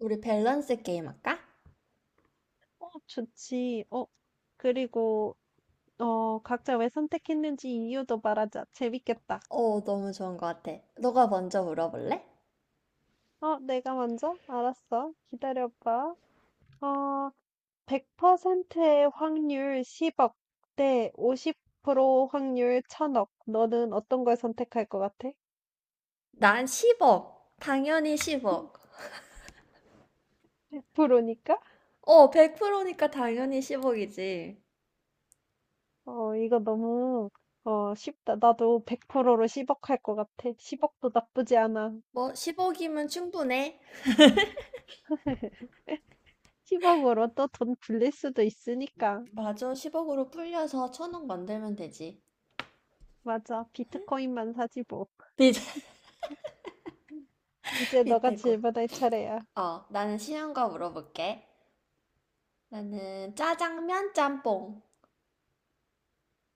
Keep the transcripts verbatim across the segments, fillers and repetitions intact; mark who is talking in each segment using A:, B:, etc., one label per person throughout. A: 우리 밸런스 게임 할까?
B: 어, 좋지. 어, 그리고, 어, 각자 왜 선택했는지 이유도 말하자. 재밌겠다.
A: 어, 너무 좋은 것 같아. 너가 먼저 물어볼래?
B: 어, 내가 먼저? 알았어. 기다려봐. 어, 백 퍼센트의 확률 십억 대 오십 퍼센트 확률 천억. 너는 어떤 걸 선택할 것 같아?
A: 난 십억. 당연히 십억.
B: 백 퍼센트니까?
A: 어, 백 퍼센트니까 당연히 십억이지.
B: 어, 이거 너무, 어, 쉽다. 나도 백 퍼센트로 십억 할 것 같아. 십억도 나쁘지 않아.
A: 뭐, 십억이면 충분해.
B: 십억으로 또 돈 굴릴 수도 있으니까.
A: 맞아, 십억으로 풀려서 천억 만들면 되지.
B: 맞아. 비트코인만 사지 뭐.
A: 밑에,
B: 이제 너가
A: 밑에 거.
B: 질문할 차례야.
A: 어, 나는 쉬운 거 물어볼게. 나는 짜장면 짬뽕.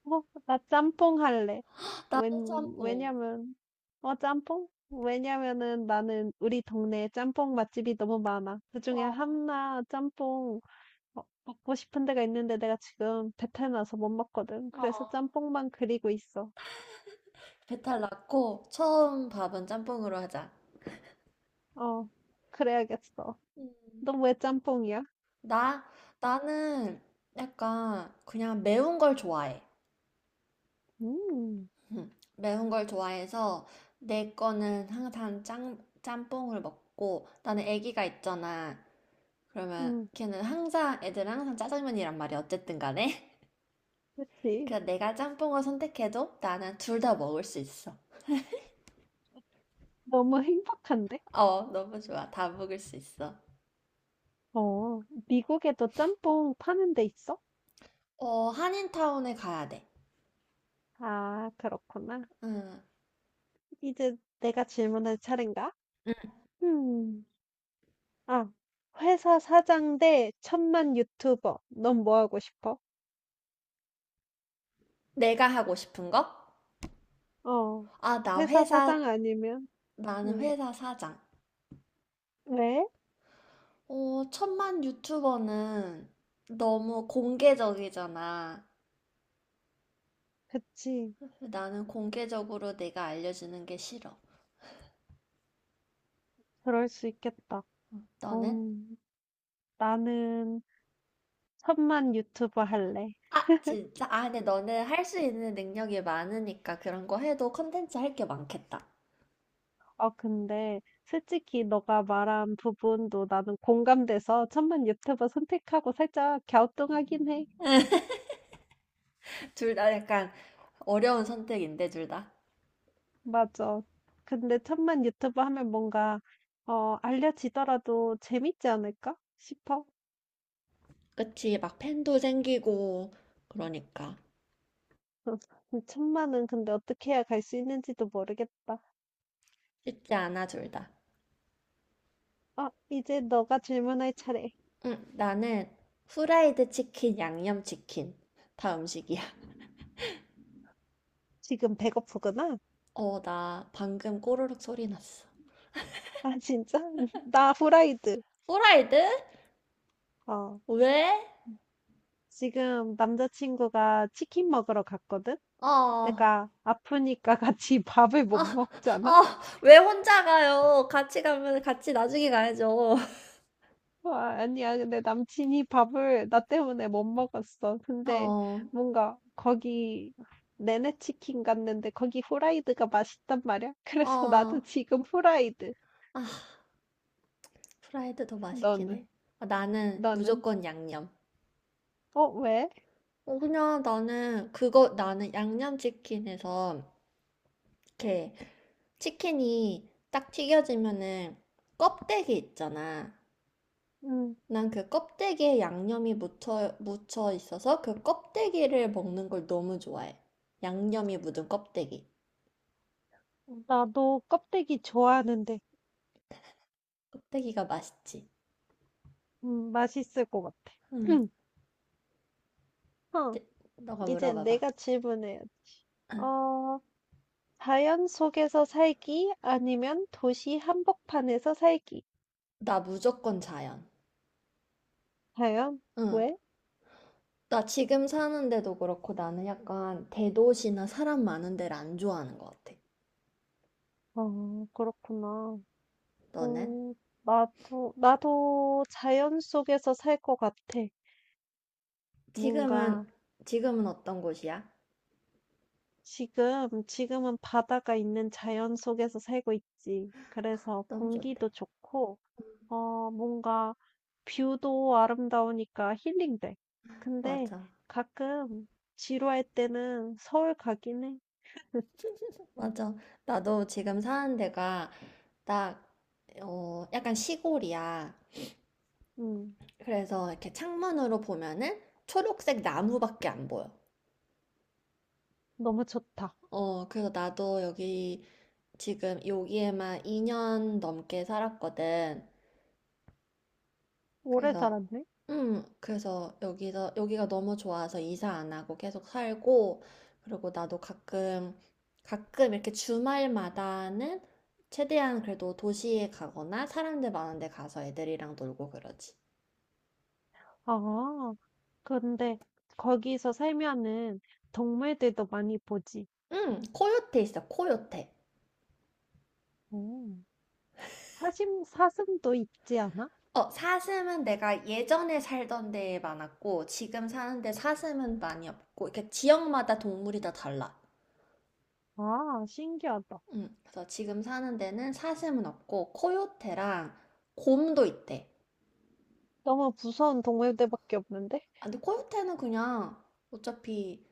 B: 어, 나 짬뽕 할래.
A: 나도
B: 웬,
A: 짬뽕.
B: 왜냐면, 어, 짬뽕? 왜냐면은 나는 우리 동네에 짬뽕 맛집이 너무 많아. 그중에
A: 어,
B: 한나 짬뽕 어, 먹고 싶은 데가 있는데 내가 지금 배탈 나서 못 먹거든. 그래서 짬뽕만 그리고 있어.
A: 배탈 났고, 처음 밥은 짬뽕으로 하자.
B: 어, 그래야겠어.
A: 음.
B: 너 왜 짬뽕이야?
A: 나, 나는 약간 그냥 매운 걸 좋아해.
B: 음,
A: 음, 매운 걸 좋아해서 내 거는 항상 짬, 짬뽕을 먹고 나는 애기가 있잖아. 그러면
B: 음,
A: 걔는 항상 애들은 항상 짜장면이란 말이야. 어쨌든 간에.
B: 그치.
A: 그래서 내가 짬뽕을 선택해도 나는 둘 다 먹을 수 있어.
B: 너무 행복한데?
A: 어, 너무 좋아. 다 먹을 수 있어.
B: 어, 미국에도 짬뽕 파는 데 있어?
A: 어, 한인타운에 가야 돼.
B: 아, 그렇구나.
A: 음,
B: 이제 내가 질문할 차례인가? 음, 아, 회사 사장 대 천만 유튜버. 넌 뭐 하고 싶어?
A: 내가 하고 싶은 거?
B: 어,
A: 아, 나
B: 회사
A: 회사,
B: 사장 아니면,
A: 나는
B: 음,
A: 회사 사장.
B: 왜?
A: 어, 천만 유튜버는 너무 공개적이잖아.
B: 그치.
A: 나는 공개적으로 내가 알려주는 게 싫어.
B: 그럴 수 있겠다.
A: 너는?
B: 음, 나는 천만 유튜버 할래.
A: 아, 진짜? 아, 근데 너는 할 수 있는 능력이 많으니까 그런 거 해도 컨텐츠 할 게 많겠다.
B: 어, 근데 솔직히 너가 말한 부분도 나는 공감돼서 천만 유튜버 선택하고 살짝 갸우뚱하긴 해.
A: 둘 다 약간 어려운 선택인데, 둘 다.
B: 맞아. 근데 천만 유튜브 하면 뭔가 어 알려지더라도 재밌지 않을까 싶어.
A: 그치, 막 팬도 생기고, 그러니까.
B: 천만은 근데 어떻게 해야 갈 수 있는지도 모르겠다.
A: 쉽지 않아, 둘 다.
B: 아, 이제 너가 질문할 차례.
A: 응, 나는 후라이드 치킨, 양념 치킨. 다 음식이야.
B: 지금 배고프구나?
A: 어, 나 방금 꼬르륵 소리 났어.
B: 아, 진짜? 나 후라이드.
A: 후라이드?
B: 어.
A: 왜?
B: 지금 남자친구가 치킨 먹으러 갔거든?
A: 아,
B: 내가 아프니까 같이 밥을 못
A: 아,
B: 먹잖아.
A: 아, 왜 혼자 가요? 같이 가면 같이 나중에 가야죠.
B: 와, 아니야. 근데 남친이 밥을 나 때문에 못 먹었어. 근데
A: 어,
B: 뭔가 거기 내내 치킨 갔는데 거기 후라이드가 맛있단 말이야. 그래서
A: 어,
B: 나도 지금 후라이드.
A: 아, 프라이드 더 맛있긴 해.
B: 너는?
A: 아, 나는
B: 너는?
A: 무조건 양념.
B: 어, 왜?
A: 어, 그냥 나는 그거, 나는 양념치킨에서 이렇게 치킨이 딱 튀겨지면은 껍데기 있잖아.
B: 음,
A: 난 그 껍데기에 양념이 묻혀, 묻혀 있어서 그 껍데기를 먹는 걸 너무 좋아해. 양념이 묻은 껍데기.
B: 나도 껍데기 좋아하는데,
A: 껍데기가 맛있지.
B: 음, 맛있을 것 같아.
A: 응.
B: 응. 어,
A: 네, 너가
B: 이제
A: 물어봐봐.
B: 내가 질문해 어, 자연 속에서 살기 아니면 도시 한복판에서 살기.
A: 나 무조건 자연.
B: 자연?
A: 응.
B: 왜?
A: 나 지금 사는데도 그렇고 나는 약간 대도시나 사람 많은 데를 안 좋아하는 것 같아.
B: 어, 그렇구나.
A: 너는?
B: 어, 나도, 나도 자연 속에서 살 것 같아.
A: 지금은,
B: 뭔가,
A: 지금은 어떤 곳이야?
B: 지금, 지금은 바다가 있는 자연 속에서 살고 있지. 그래서
A: 너무 좋대.
B: 공기도 좋고, 어, 뭔가, 뷰도 아름다우니까 힐링돼. 근데
A: 맞아.
B: 가끔 지루할 때는 서울 가긴 해.
A: 맞아. 나도 지금 사는 데가 나, 어, 약간 시골이야.
B: 음,
A: 그래서 이렇게 창문으로 보면은 초록색 나무밖에 안 보여.
B: 너무 좋다.
A: 어, 그래서 나도 여기 지금 여기에만 이 년 넘게 살았거든.
B: 오래
A: 그래서,
B: 살았네.
A: 음, 그래서 여기서, 여기가 너무 좋아서 이사 안 하고 계속 살고, 그리고 나도 가끔, 가끔 이렇게 주말마다는 최대한 그래도 도시에 가거나 사람들 많은 데 가서 애들이랑 놀고 그러지.
B: 아, 근데 거기서 살면은 동물들도 많이 보지.
A: 응, 코요테 있어, 코요테.
B: 음. 사슴, 사슴도 있지 않아?
A: 어, 사슴은 내가 예전에 살던 데에 많았고, 지금 사는데 사슴은 많이 없고, 이렇게 지역마다 동물이 다 달라.
B: 아, 신기하다.
A: 응, 그래서 지금 사는 데는 사슴은 없고, 코요테랑 곰도 있대.
B: 너무 무서운 동물들밖에 없는데?
A: 아, 근데 코요테는 그냥 어차피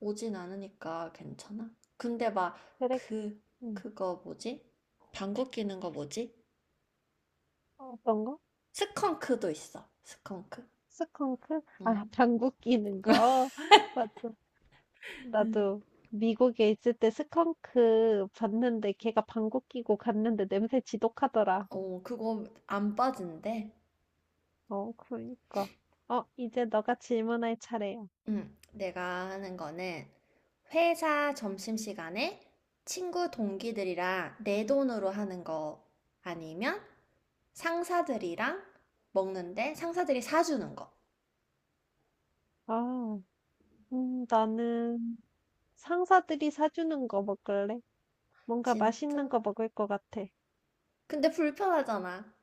A: 오진 않으니까 괜찮아. 근데 막,
B: 그래.
A: 그,
B: 응
A: 그거 뭐지? 방귀 뀌는 거 뭐지?
B: 어떤 거?
A: 스컹크도 있어, 스컹크.
B: 스컹크? 아,
A: 응.
B: 방귀 뀌는 거? 맞아. 나도 미국에 있을 때 스컹크 봤는데 걔가 방귀 뀌고 갔는데 냄새 지독하더라.
A: 어, 그거 안 빠진대.
B: 어, 그러니까. 어, 이제 너가 질문할 차례야.
A: 응, 내가 하는 거는 회사 점심시간에 친구 동기들이랑 내 돈으로 하는 거 아니면 상사들이랑 먹는데 상사들이 사주는 거.
B: 아, 음, 나는 상사들이 사주는 거 먹을래? 뭔가 맛있는
A: 진짜?
B: 거 먹을 것 같아.
A: 근데 불편하잖아.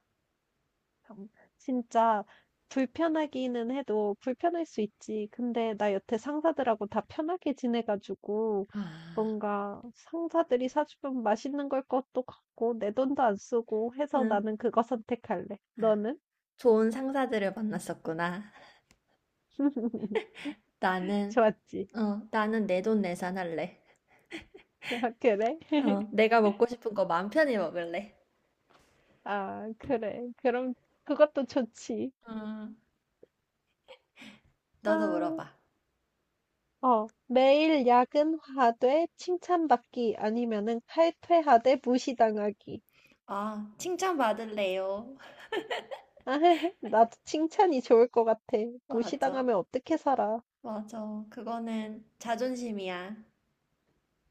B: 참, 진짜 불편하기는 해도 불편할 수 있지. 근데 나 여태 상사들하고 다 편하게 지내가지고
A: 아,
B: 뭔가 상사들이 사주면 맛있는 걸 것도 같고 내 돈도 안 쓰고 해서
A: 응.
B: 나는 그거 선택할래. 너는?
A: 좋은 상사들을 만났었구나. 나는,
B: 좋았지?
A: 어, 나는 내 돈 내산할래.
B: 아, 그래?
A: 어, 내가 먹고 싶은 거 마음 편히 먹을래.
B: 아, 그래. 그럼 그것도 좋지.
A: 음,
B: 아,
A: 너도 물어봐.
B: 어, 매일 야근하되 칭찬받기 아니면은 칼퇴하되 무시당하기.
A: 아, 칭찬받을래요.
B: 나도 칭찬이 좋을 것 같아.
A: 맞아.
B: 무시당하면 어떻게 살아?
A: 맞아. 그거는 자존심이야.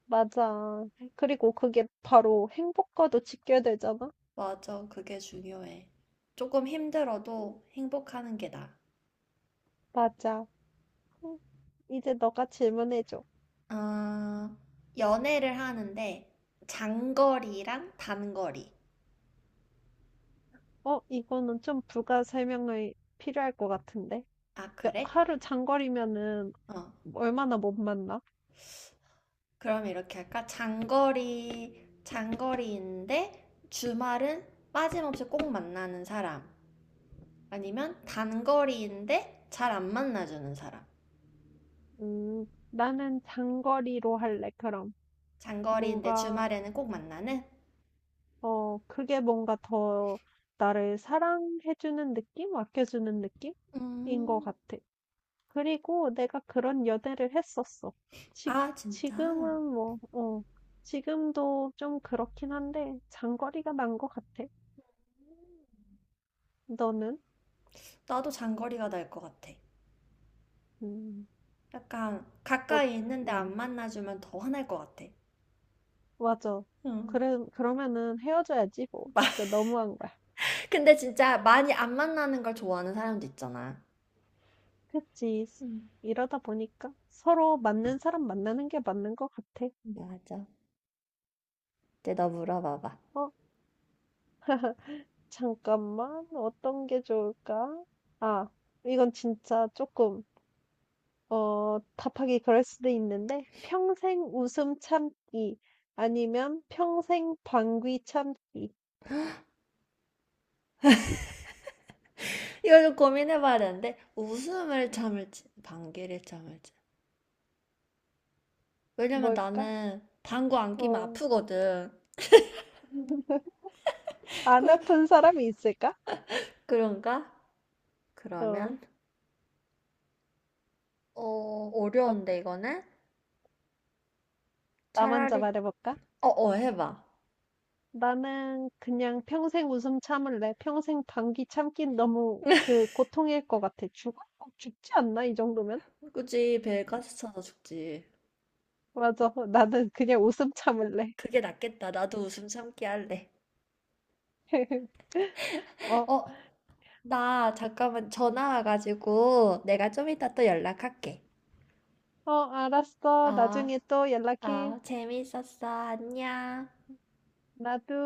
B: 맞아. 그리고 그게 바로 행복과도 직결되잖아?
A: 맞아. 그게 중요해. 조금 힘들어도 행복하는 게 나아.
B: 맞아. 음, 이제 너가 질문해줘.
A: 아, 연애를 하는데 장거리랑 단거리.
B: 어, 이거는 좀 부가 설명이 필요할 것 같은데.
A: 아,
B: 몇-
A: 그래?
B: 하루 장거리면은
A: 어.
B: 얼마나 못 만나?
A: 그럼 이렇게 할까? 장거리, 장거리인데 주말은 빠짐없이 꼭 만나는 사람. 아니면 단거리인데 잘 안 만나주는 사람.
B: 음, 나는 장거리로 할래, 그럼.
A: 장거리인데
B: 뭔가,
A: 주말에는 꼭 만나는?
B: 어, 그게 뭔가 더 나를 사랑해주는 느낌? 아껴주는 느낌? 인 것
A: 음,
B: 같아. 그리고 내가 그런 연애를 했었어. 지,
A: 아, 진짜?
B: 지금은 뭐, 어, 지금도 좀 그렇긴 한데, 장거리가 난 것 같아. 너는?
A: 나도 장거리가 날 것 같아.
B: 음,
A: 약간
B: 어,
A: 가까이 있는데 안
B: 음,
A: 만나주면 더 화날 것 같아.
B: 맞아.
A: 응.
B: 그래, 그러면은 헤어져야지, 뭐.
A: 마-
B: 진짜 너무한 거야.
A: 근데 진짜 많이 안 만나는 걸 좋아하는 사람도 있잖아.
B: 그치.
A: 응.
B: 이러다 보니까 서로 맞는 사람 만나는 게 맞는 것 같아.
A: 맞아. 이제 너 물어봐봐.
B: 어, 잠깐만. 어떤 게 좋을까? 아, 이건 진짜 조금 어 답하기 그럴 수도 있는데 평생 웃음 참기 아니면 평생 방귀 참기
A: 이거 좀 고민해봐야 되는데 웃음을 참을지 방귀를 참을지. 왜냐면
B: 뭘까?
A: 나는 방구 안 끼면
B: 어.
A: 아프거든.
B: 안
A: 그,
B: 아픈 사람이 있을까?
A: 그런가?
B: 어.
A: 그러면 어,
B: 어,
A: 어려운데 이거는?
B: 나 먼저
A: 차라리
B: 말해볼까?
A: 어어 해봐.
B: 나는 그냥 평생 웃음 참을래. 평생 방귀 참긴 너무 그 고통일 것 같아. 죽어? 어, 죽지 않나? 이 정도면?
A: 굳이 배에 가스 차서 죽지.
B: 맞아. 어,
A: 뭐.
B: 나는 그냥 웃음 참을래.
A: 그게 낫겠다. 나도 웃음 참기 할래.
B: 어,
A: 어, 나 잠깐만 전화 와가지고 내가 좀 이따 또 연락할게.
B: 어, 알았어.
A: 아,
B: 나중에 또 연락해.
A: 아, 재밌었어. 안녕.
B: 나도.